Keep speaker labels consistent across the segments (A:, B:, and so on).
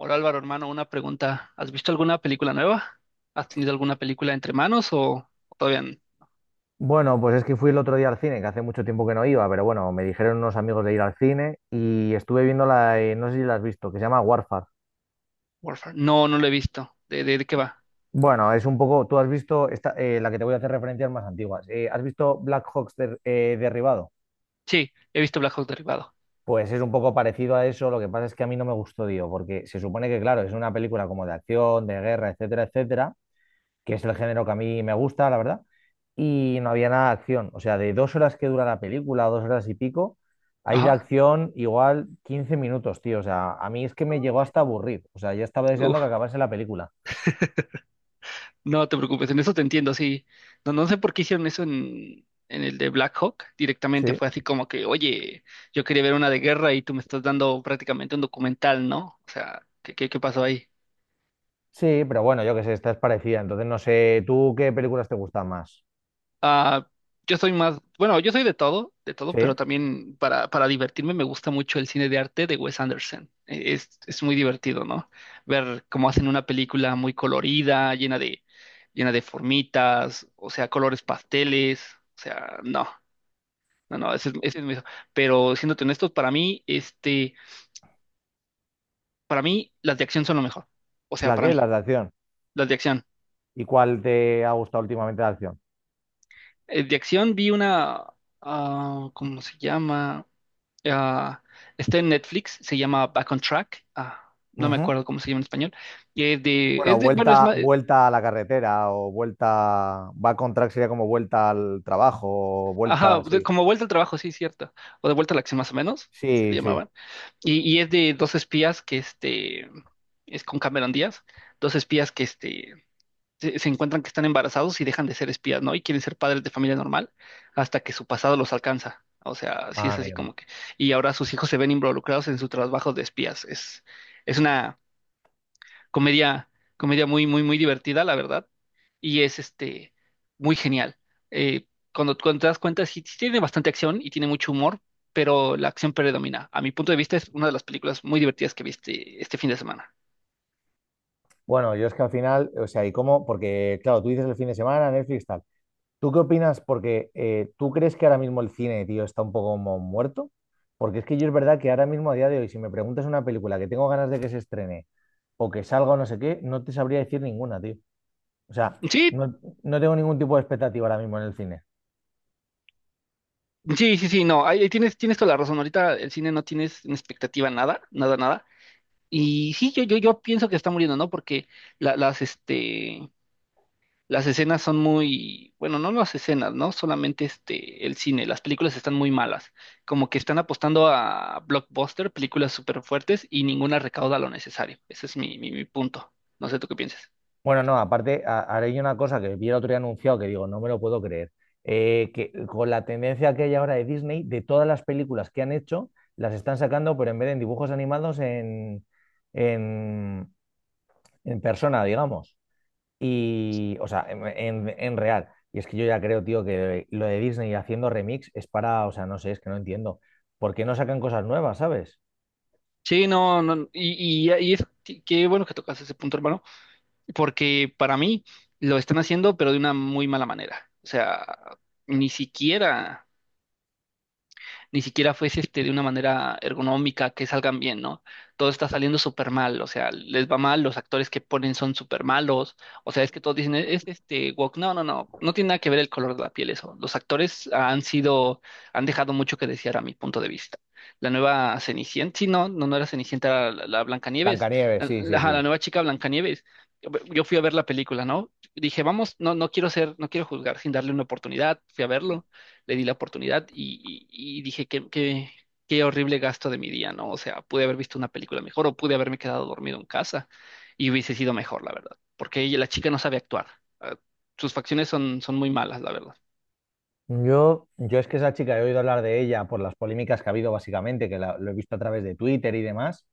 A: Hola Álvaro, hermano, una pregunta. ¿Has visto alguna película nueva? ¿Has tenido alguna película entre manos o todavía n-
B: Bueno, pues es que fui el otro día al cine, que hace mucho tiempo que no iba, pero bueno, me dijeron unos amigos de ir al cine y estuve viendo la, no sé si la has visto, que se llama Warfare.
A: ¿Warfare? No, no lo he visto. ¿De qué va?
B: Bueno, es un poco, tú has visto esta, la que te voy a hacer referencias más antiguas. ¿Has visto Black Hawks derribado?
A: Sí, he visto Black Hawk Derribado.
B: Pues es un poco parecido a eso, lo que pasa es que a mí no me gustó, tío, porque se supone que, claro, es una película como de acción, de guerra, etcétera, etcétera, que es el género que a mí me gusta, la verdad, y no había nada de acción. O sea, de 2 horas que dura la película, 2 horas y pico, hay de
A: Ajá.
B: acción igual 15 minutos, tío. O sea, a mí es que me llegó hasta a aburrir. O sea, ya estaba deseando que
A: Uf,
B: acabase la película.
A: no te preocupes, en eso te entiendo, sí. No, no sé por qué hicieron eso en el de Black Hawk. Directamente
B: Sí.
A: fue así como que, oye, yo quería ver una de guerra y tú me estás dando prácticamente un documental, ¿no? O sea, ¿qué pasó ahí?
B: Sí, pero bueno, yo qué sé, esta es parecida. Entonces, no sé, ¿tú qué películas te gustan más?
A: Ah, yo soy más, bueno, yo soy de todo, pero
B: ¿Sí?
A: también para divertirme me gusta mucho el cine de arte de Wes Anderson. Es muy divertido, ¿no? Ver cómo hacen una película muy colorida, llena de formitas, o sea, colores pasteles, o sea, no, no, no, ese es mi- Pero siéndote honestos, para mí, para mí las de acción son lo mejor. O sea,
B: ¿La
A: para
B: qué?
A: mí,
B: Las de acción.
A: las de acción.
B: ¿Y cuál te ha gustado últimamente de acción?
A: De acción vi una, ah, ¿cómo se llama? Ah, está en Netflix, se llama Back on Track. Ah, no me
B: Ujú.
A: acuerdo cómo se llama en español. Y
B: Bueno,
A: es de, bueno, es
B: vuelta,
A: más,
B: vuelta a la carretera o vuelta, va con track sería como vuelta al trabajo o
A: ajá,
B: vuelta,
A: de-
B: sí.
A: como vuelta al trabajo, sí, cierto. O de vuelta a la acción más o menos, se le
B: Sí, sí.
A: llamaban. Y es de dos espías que es con Cameron Díaz, dos espías que se encuentran que están embarazados y dejan de ser espías, ¿no? Y quieren ser padres de familia normal hasta que su pasado los alcanza. O sea, sí
B: Ah,
A: es así
B: amigo.
A: como que. Y ahora sus hijos se ven involucrados en su trabajo de espías. Es, es una comedia, comedia muy, muy, muy divertida, la verdad, y es muy genial. Eh, cuando te das cuenta, sí, sí tiene bastante acción y tiene mucho humor, pero la acción predomina. A mi punto de vista, es una de las películas muy divertidas que viste este fin de semana.
B: Bueno, yo es que al final, o sea, ¿y cómo? Porque, claro, tú dices el fin de semana, Netflix, tal. ¿Tú qué opinas? Porque ¿tú crees que ahora mismo el cine, tío, ¿está un poco como muerto? Porque es que yo es verdad que ahora mismo, a día de hoy, si me preguntas una película que tengo ganas de que se estrene o que salga o no sé qué, no te sabría decir ninguna, tío. O sea,
A: Sí,
B: no, no tengo ningún tipo de expectativa ahora mismo en el cine.
A: sí, sí, sí, no, ahí tienes, tienes toda la razón. Ahorita el cine no tienes en expectativa nada, nada, nada. Y sí, yo pienso que está muriendo, ¿no? Porque la- las, este, Las escenas son muy, bueno, no las escenas, ¿no? Solamente el cine, las películas están muy malas, como que están apostando a blockbuster, películas súper fuertes y ninguna recauda lo necesario. Ese es mi punto. No sé tú qué piensas.
B: Bueno, no, aparte, ahora hay una cosa que vi el otro día anunciado que digo, no me lo puedo creer. Que con la tendencia que hay ahora de Disney, de todas las películas que han hecho, las están sacando, pero en vez de en dibujos animados, en, en persona, digamos. Y, o sea, en real. Y es que yo ya creo, tío, que lo de Disney haciendo remix es para, o sea, no sé, es que no entiendo. ¿Por qué no sacan cosas nuevas, sabes?
A: Sí, no, no, qué bueno que tocas ese punto, hermano, porque para mí lo están haciendo, pero de una muy mala manera. O sea, ni siquiera ni siquiera fuese de una manera ergonómica que salgan bien, ¿no? Todo está saliendo súper mal, o sea, les va mal, los actores que ponen son súper malos, o sea, es que todos dicen, "Es woke, no, no, no, no tiene nada que ver el color de la piel eso, los actores han sido, han dejado mucho que desear a mi punto de vista. La nueva Cenicienta, sí, no, no, no era Cenicienta, era la Blancanieves,
B: Blancanieves,
A: la,
B: sí, sí,
A: la la
B: sí.
A: nueva chica Blancanieves, yo fui a ver la película, ¿no? Dije, vamos, no, no quiero ser, no quiero juzgar sin darle una oportunidad, fui a verlo le di la oportunidad y dije qué horrible gasto de mi día, ¿no? O sea, pude haber visto una película mejor o pude haberme quedado dormido en casa y hubiese sido mejor, la verdad, porque ella, la chica no sabe actuar. Ah, sus facciones son muy malas, la verdad.
B: Yo es que esa chica he oído hablar de ella por las polémicas que ha habido básicamente, que lo he visto a través de Twitter y demás,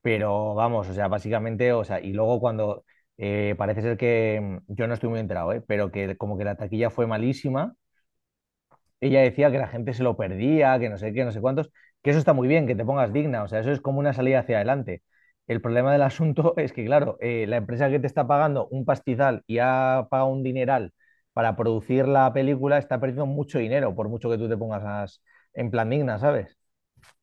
B: pero vamos, o sea, básicamente, o sea, y luego cuando parece ser que yo no estoy muy enterado, ¿eh? Pero que como que la taquilla fue malísima, ella decía que la gente se lo perdía, que no sé qué, no sé cuántos, que eso está muy bien, que te pongas digna, o sea, eso es como una salida hacia adelante. El problema del asunto es que, claro, la empresa que te está pagando un pastizal y ha pagado un dineral para producir la película está perdiendo mucho dinero, por mucho que tú te pongas en plan digna, ¿sabes?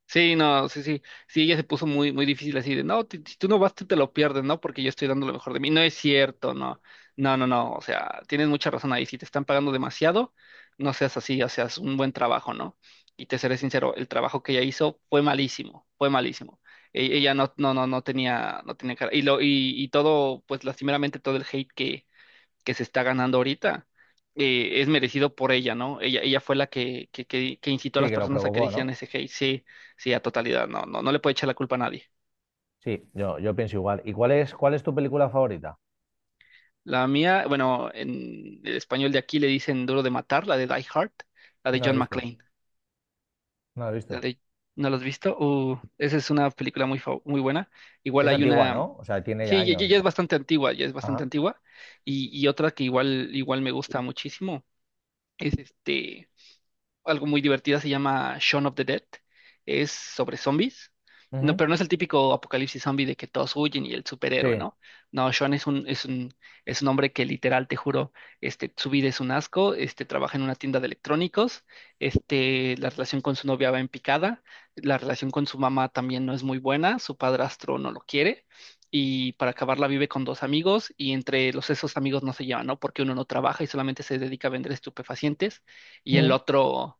A: Sí, no, sí, sí, sí, ella se puso muy, muy difícil así de, no, si tú no vas, tú te lo pierdes, ¿no? Porque yo estoy dando lo mejor de mí. No es cierto, no, no, no, no, o sea, tienes mucha razón ahí. Si te están pagando demasiado, no seas así, o sea, es un buen trabajo, ¿no? Y te seré sincero, el trabajo que ella hizo fue malísimo, fue malísimo. Ella no, no, no, no tenía, no tenía cara. Y todo, pues lastimeramente todo el hate que se está ganando ahorita, es merecido por ella, ¿no? Ella fue la que incitó a
B: Sí,
A: las
B: que lo
A: personas a que
B: provocó,
A: decían
B: ¿no?
A: ese hate, sí, sí, a totalidad, no, no, no le puede echar la culpa a nadie.
B: Sí, yo pienso igual. ¿Y cuál es tu película favorita?
A: La mía, bueno, en el español de aquí le dicen Duro de Matar, la de Die Hard, la de
B: No la he
A: John
B: visto,
A: McClane,
B: no la he
A: la
B: visto.
A: de, ¿no la has visto? Esa es una película muy buena. Igual
B: Es
A: hay
B: antigua,
A: una,
B: ¿no? O sea, tiene ya
A: sí, ya,
B: años,
A: ya- ya es
B: ¿no?
A: bastante antigua, ya es bastante
B: Ajá.
A: antigua, y otra que igual me gusta muchísimo, es algo muy divertida, se llama Shaun of the Dead. Es sobre zombies. No,
B: Ujú.
A: pero no es el típico apocalipsis zombie de que todos huyen y el superhéroe,
B: Sí.
A: ¿no? No, Shaun es un hombre que literal, te juro, su vida es un asco, trabaja en una tienda de electrónicos, la relación con su novia va en picada, la relación con su mamá también no es muy buena, su padrastro no lo quiere, y para acabarla vive con dos amigos, y entre los esos amigos no se llevan, ¿no? Porque uno no trabaja y solamente se dedica a vender estupefacientes y el otro,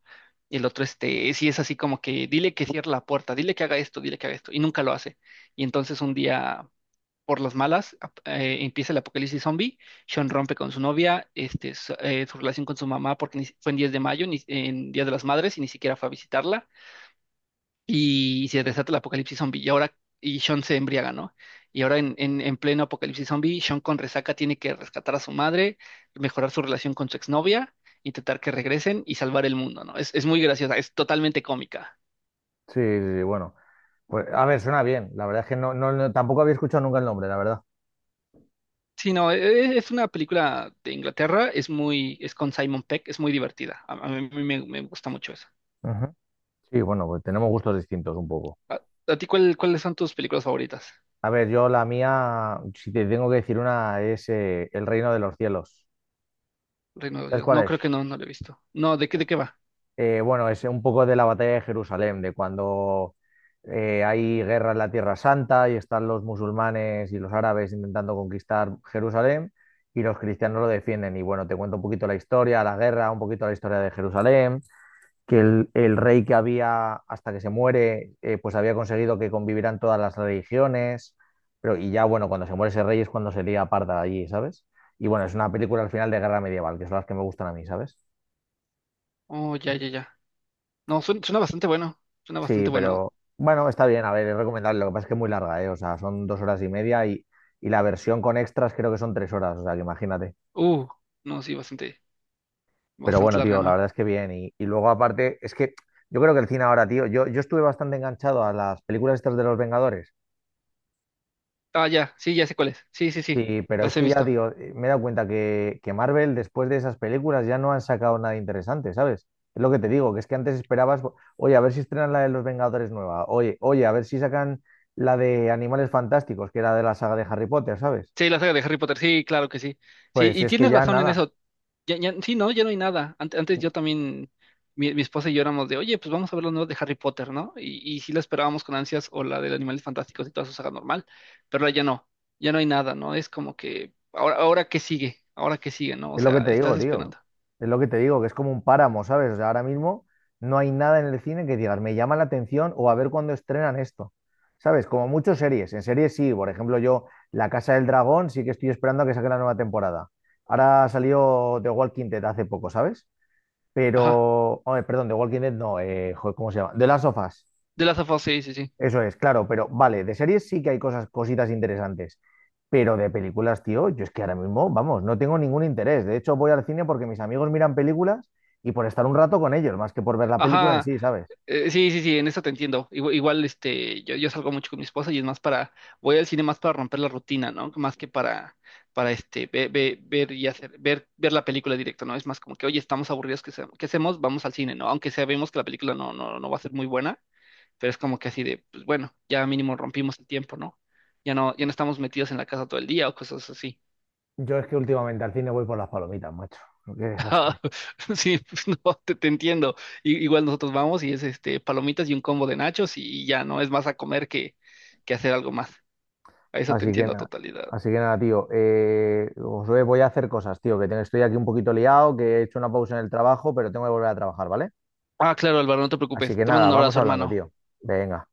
A: y el otro, sí es así como que dile que cierre la puerta, dile que haga esto, dile que haga esto, y nunca lo hace. Y entonces un día, por las malas, empieza el apocalipsis zombie, Sean rompe con su novia, su relación con su mamá, porque ni si- fue en 10 de mayo, ni, en Día de las Madres, y ni siquiera fue a visitarla y se desata el apocalipsis zombie. Y ahora, y Sean se embriaga, ¿no? Y ahora en pleno apocalipsis zombie, Sean con resaca tiene que rescatar a su madre, mejorar su relación con su exnovia, intentar que regresen y salvar el mundo, ¿no? Es muy graciosa, es totalmente cómica.
B: Sí, sí, sí, bueno. Pues, a ver, suena bien. La verdad es que tampoco había escuchado nunca el nombre, la verdad.
A: Sí, no, es una película de Inglaterra, es muy, es con Simon Peck, es muy divertida. A mí me, me gusta mucho eso.
B: Ujú. Sí, bueno, pues tenemos gustos distintos un poco.
A: ¿A, a ti cuáles son tus películas favoritas?
B: A ver, yo la mía, si te tengo que decir una, es El Reino de los Cielos.
A: Reino de
B: ¿Sabes
A: Dios.
B: cuál
A: No, creo
B: es?
A: que no, no lo he visto. No, ¿de qué va?
B: Bueno, es un poco de la batalla de Jerusalén, de cuando hay guerra en la Tierra Santa y están los musulmanes y los árabes intentando conquistar Jerusalén y los cristianos lo defienden. Y bueno, te cuento un poquito la historia, la guerra, un poquito la historia de Jerusalén. Que el rey que había hasta que se muere, pues había conseguido que convivieran todas las religiones, pero y ya bueno, cuando se muere ese rey es cuando se lía parda allí, ¿sabes? Y bueno, es una película al final de guerra medieval, que son las que me gustan a mí, ¿sabes?
A: Oh, ya, ya, ya. No, suena, suena bastante bueno. Suena
B: Sí,
A: bastante bueno.
B: pero bueno, está bien, a ver, es recomendable, lo que pasa es que es muy larga, ¿eh? O sea, son 2 horas y media y la versión con extras creo que son 3 horas, o sea, que imagínate.
A: Uh, no, sí, bastante,
B: Pero
A: bastante
B: bueno,
A: larga,
B: tío, la
A: ¿no?
B: verdad es que bien. Y luego aparte, es que yo creo que el cine ahora, tío, yo estuve bastante enganchado a las películas estas de los Vengadores.
A: Ah, ya, sí, ya sé cuál es. Sí, sí, sí,
B: Sí, pero es
A: las he
B: que ya
A: visto.
B: digo, me he dado cuenta que Marvel después de esas películas ya no han sacado nada interesante, ¿sabes? Es lo que te digo, que es que antes esperabas, oye, a ver si estrenan la de los Vengadores nueva, oye, oye, a ver si sacan la de Animales Fantásticos, que era de la saga de Harry Potter, ¿sabes?
A: Sí, la saga de Harry Potter, sí, claro que sí. Sí,
B: Pues si
A: y
B: es que
A: tienes
B: ya
A: razón en
B: nada.
A: eso. Ya, ya, sí, no, ya no hay nada. Antes, yo también, mi esposa y yo éramos de, oye, pues vamos a ver los nuevos de Harry Potter, ¿no? Y sí la esperábamos con ansias, o la de Animales Fantásticos y toda su saga normal, pero ahora ya no, ya no hay nada, ¿no? Es como que, ahora, ahora qué sigue, ¿no? O
B: Es lo que
A: sea,
B: te
A: estás
B: digo, tío.
A: esperando.
B: Es lo que te digo, que es como un páramo, ¿sabes? O sea, ahora mismo no hay nada en el cine que digas, me llama la atención o a ver cuándo estrenan esto. ¿Sabes? Como muchas series. En series sí, por ejemplo, yo La Casa del Dragón sí que estoy esperando a que saque la nueva temporada. Ahora salió The Walking Dead hace poco, ¿sabes?
A: Ajá,
B: Pero, oye, perdón, The Walking Dead no, joder, ¿cómo se llama? The Last of Us.
A: de las of Us, sí, sí, sí.
B: Eso es, claro, pero vale, de series sí que hay cosas, cositas interesantes, pero de películas, tío, yo es que ahora mismo, vamos, no tengo ningún interés. De hecho, voy al cine porque mis amigos miran películas y por estar un rato con ellos, más que por ver la película en
A: Ajá.
B: sí, ¿sabes?
A: Sí, sí, sí, en eso te entiendo. Igual, igual, yo salgo mucho con mi esposa y es más para, voy al cine más para romper la rutina, ¿no? Más que para ver y hacer, ver, ver la película directo, ¿no? Es más como que, oye, estamos aburridos, ¿qué, qué hacemos? Vamos al cine, ¿no? Aunque sabemos que la película no va a ser muy buena, pero es como que así de, pues bueno, ya mínimo rompimos el tiempo, ¿no? Ya no, ya no estamos metidos en la casa todo el día o cosas así.
B: Yo es que últimamente al cine voy por las palomitas, macho. Qué
A: Ah,
B: desastre.
A: sí, pues, no, te entiendo. Igual nosotros vamos y es palomitas y un combo de nachos y ya no es más a comer que hacer algo más. A eso te
B: Así que
A: entiendo a
B: nada,
A: totalidad.
B: así que nada, tío. Josué, voy a hacer cosas, tío, que estoy aquí un poquito liado, que he hecho una pausa en el trabajo, pero tengo que volver a trabajar, ¿vale?
A: Ah, claro, Álvaro, no te
B: Así
A: preocupes.
B: que
A: Te mando
B: nada,
A: un
B: vamos
A: abrazo,
B: hablando,
A: hermano.
B: tío. Venga.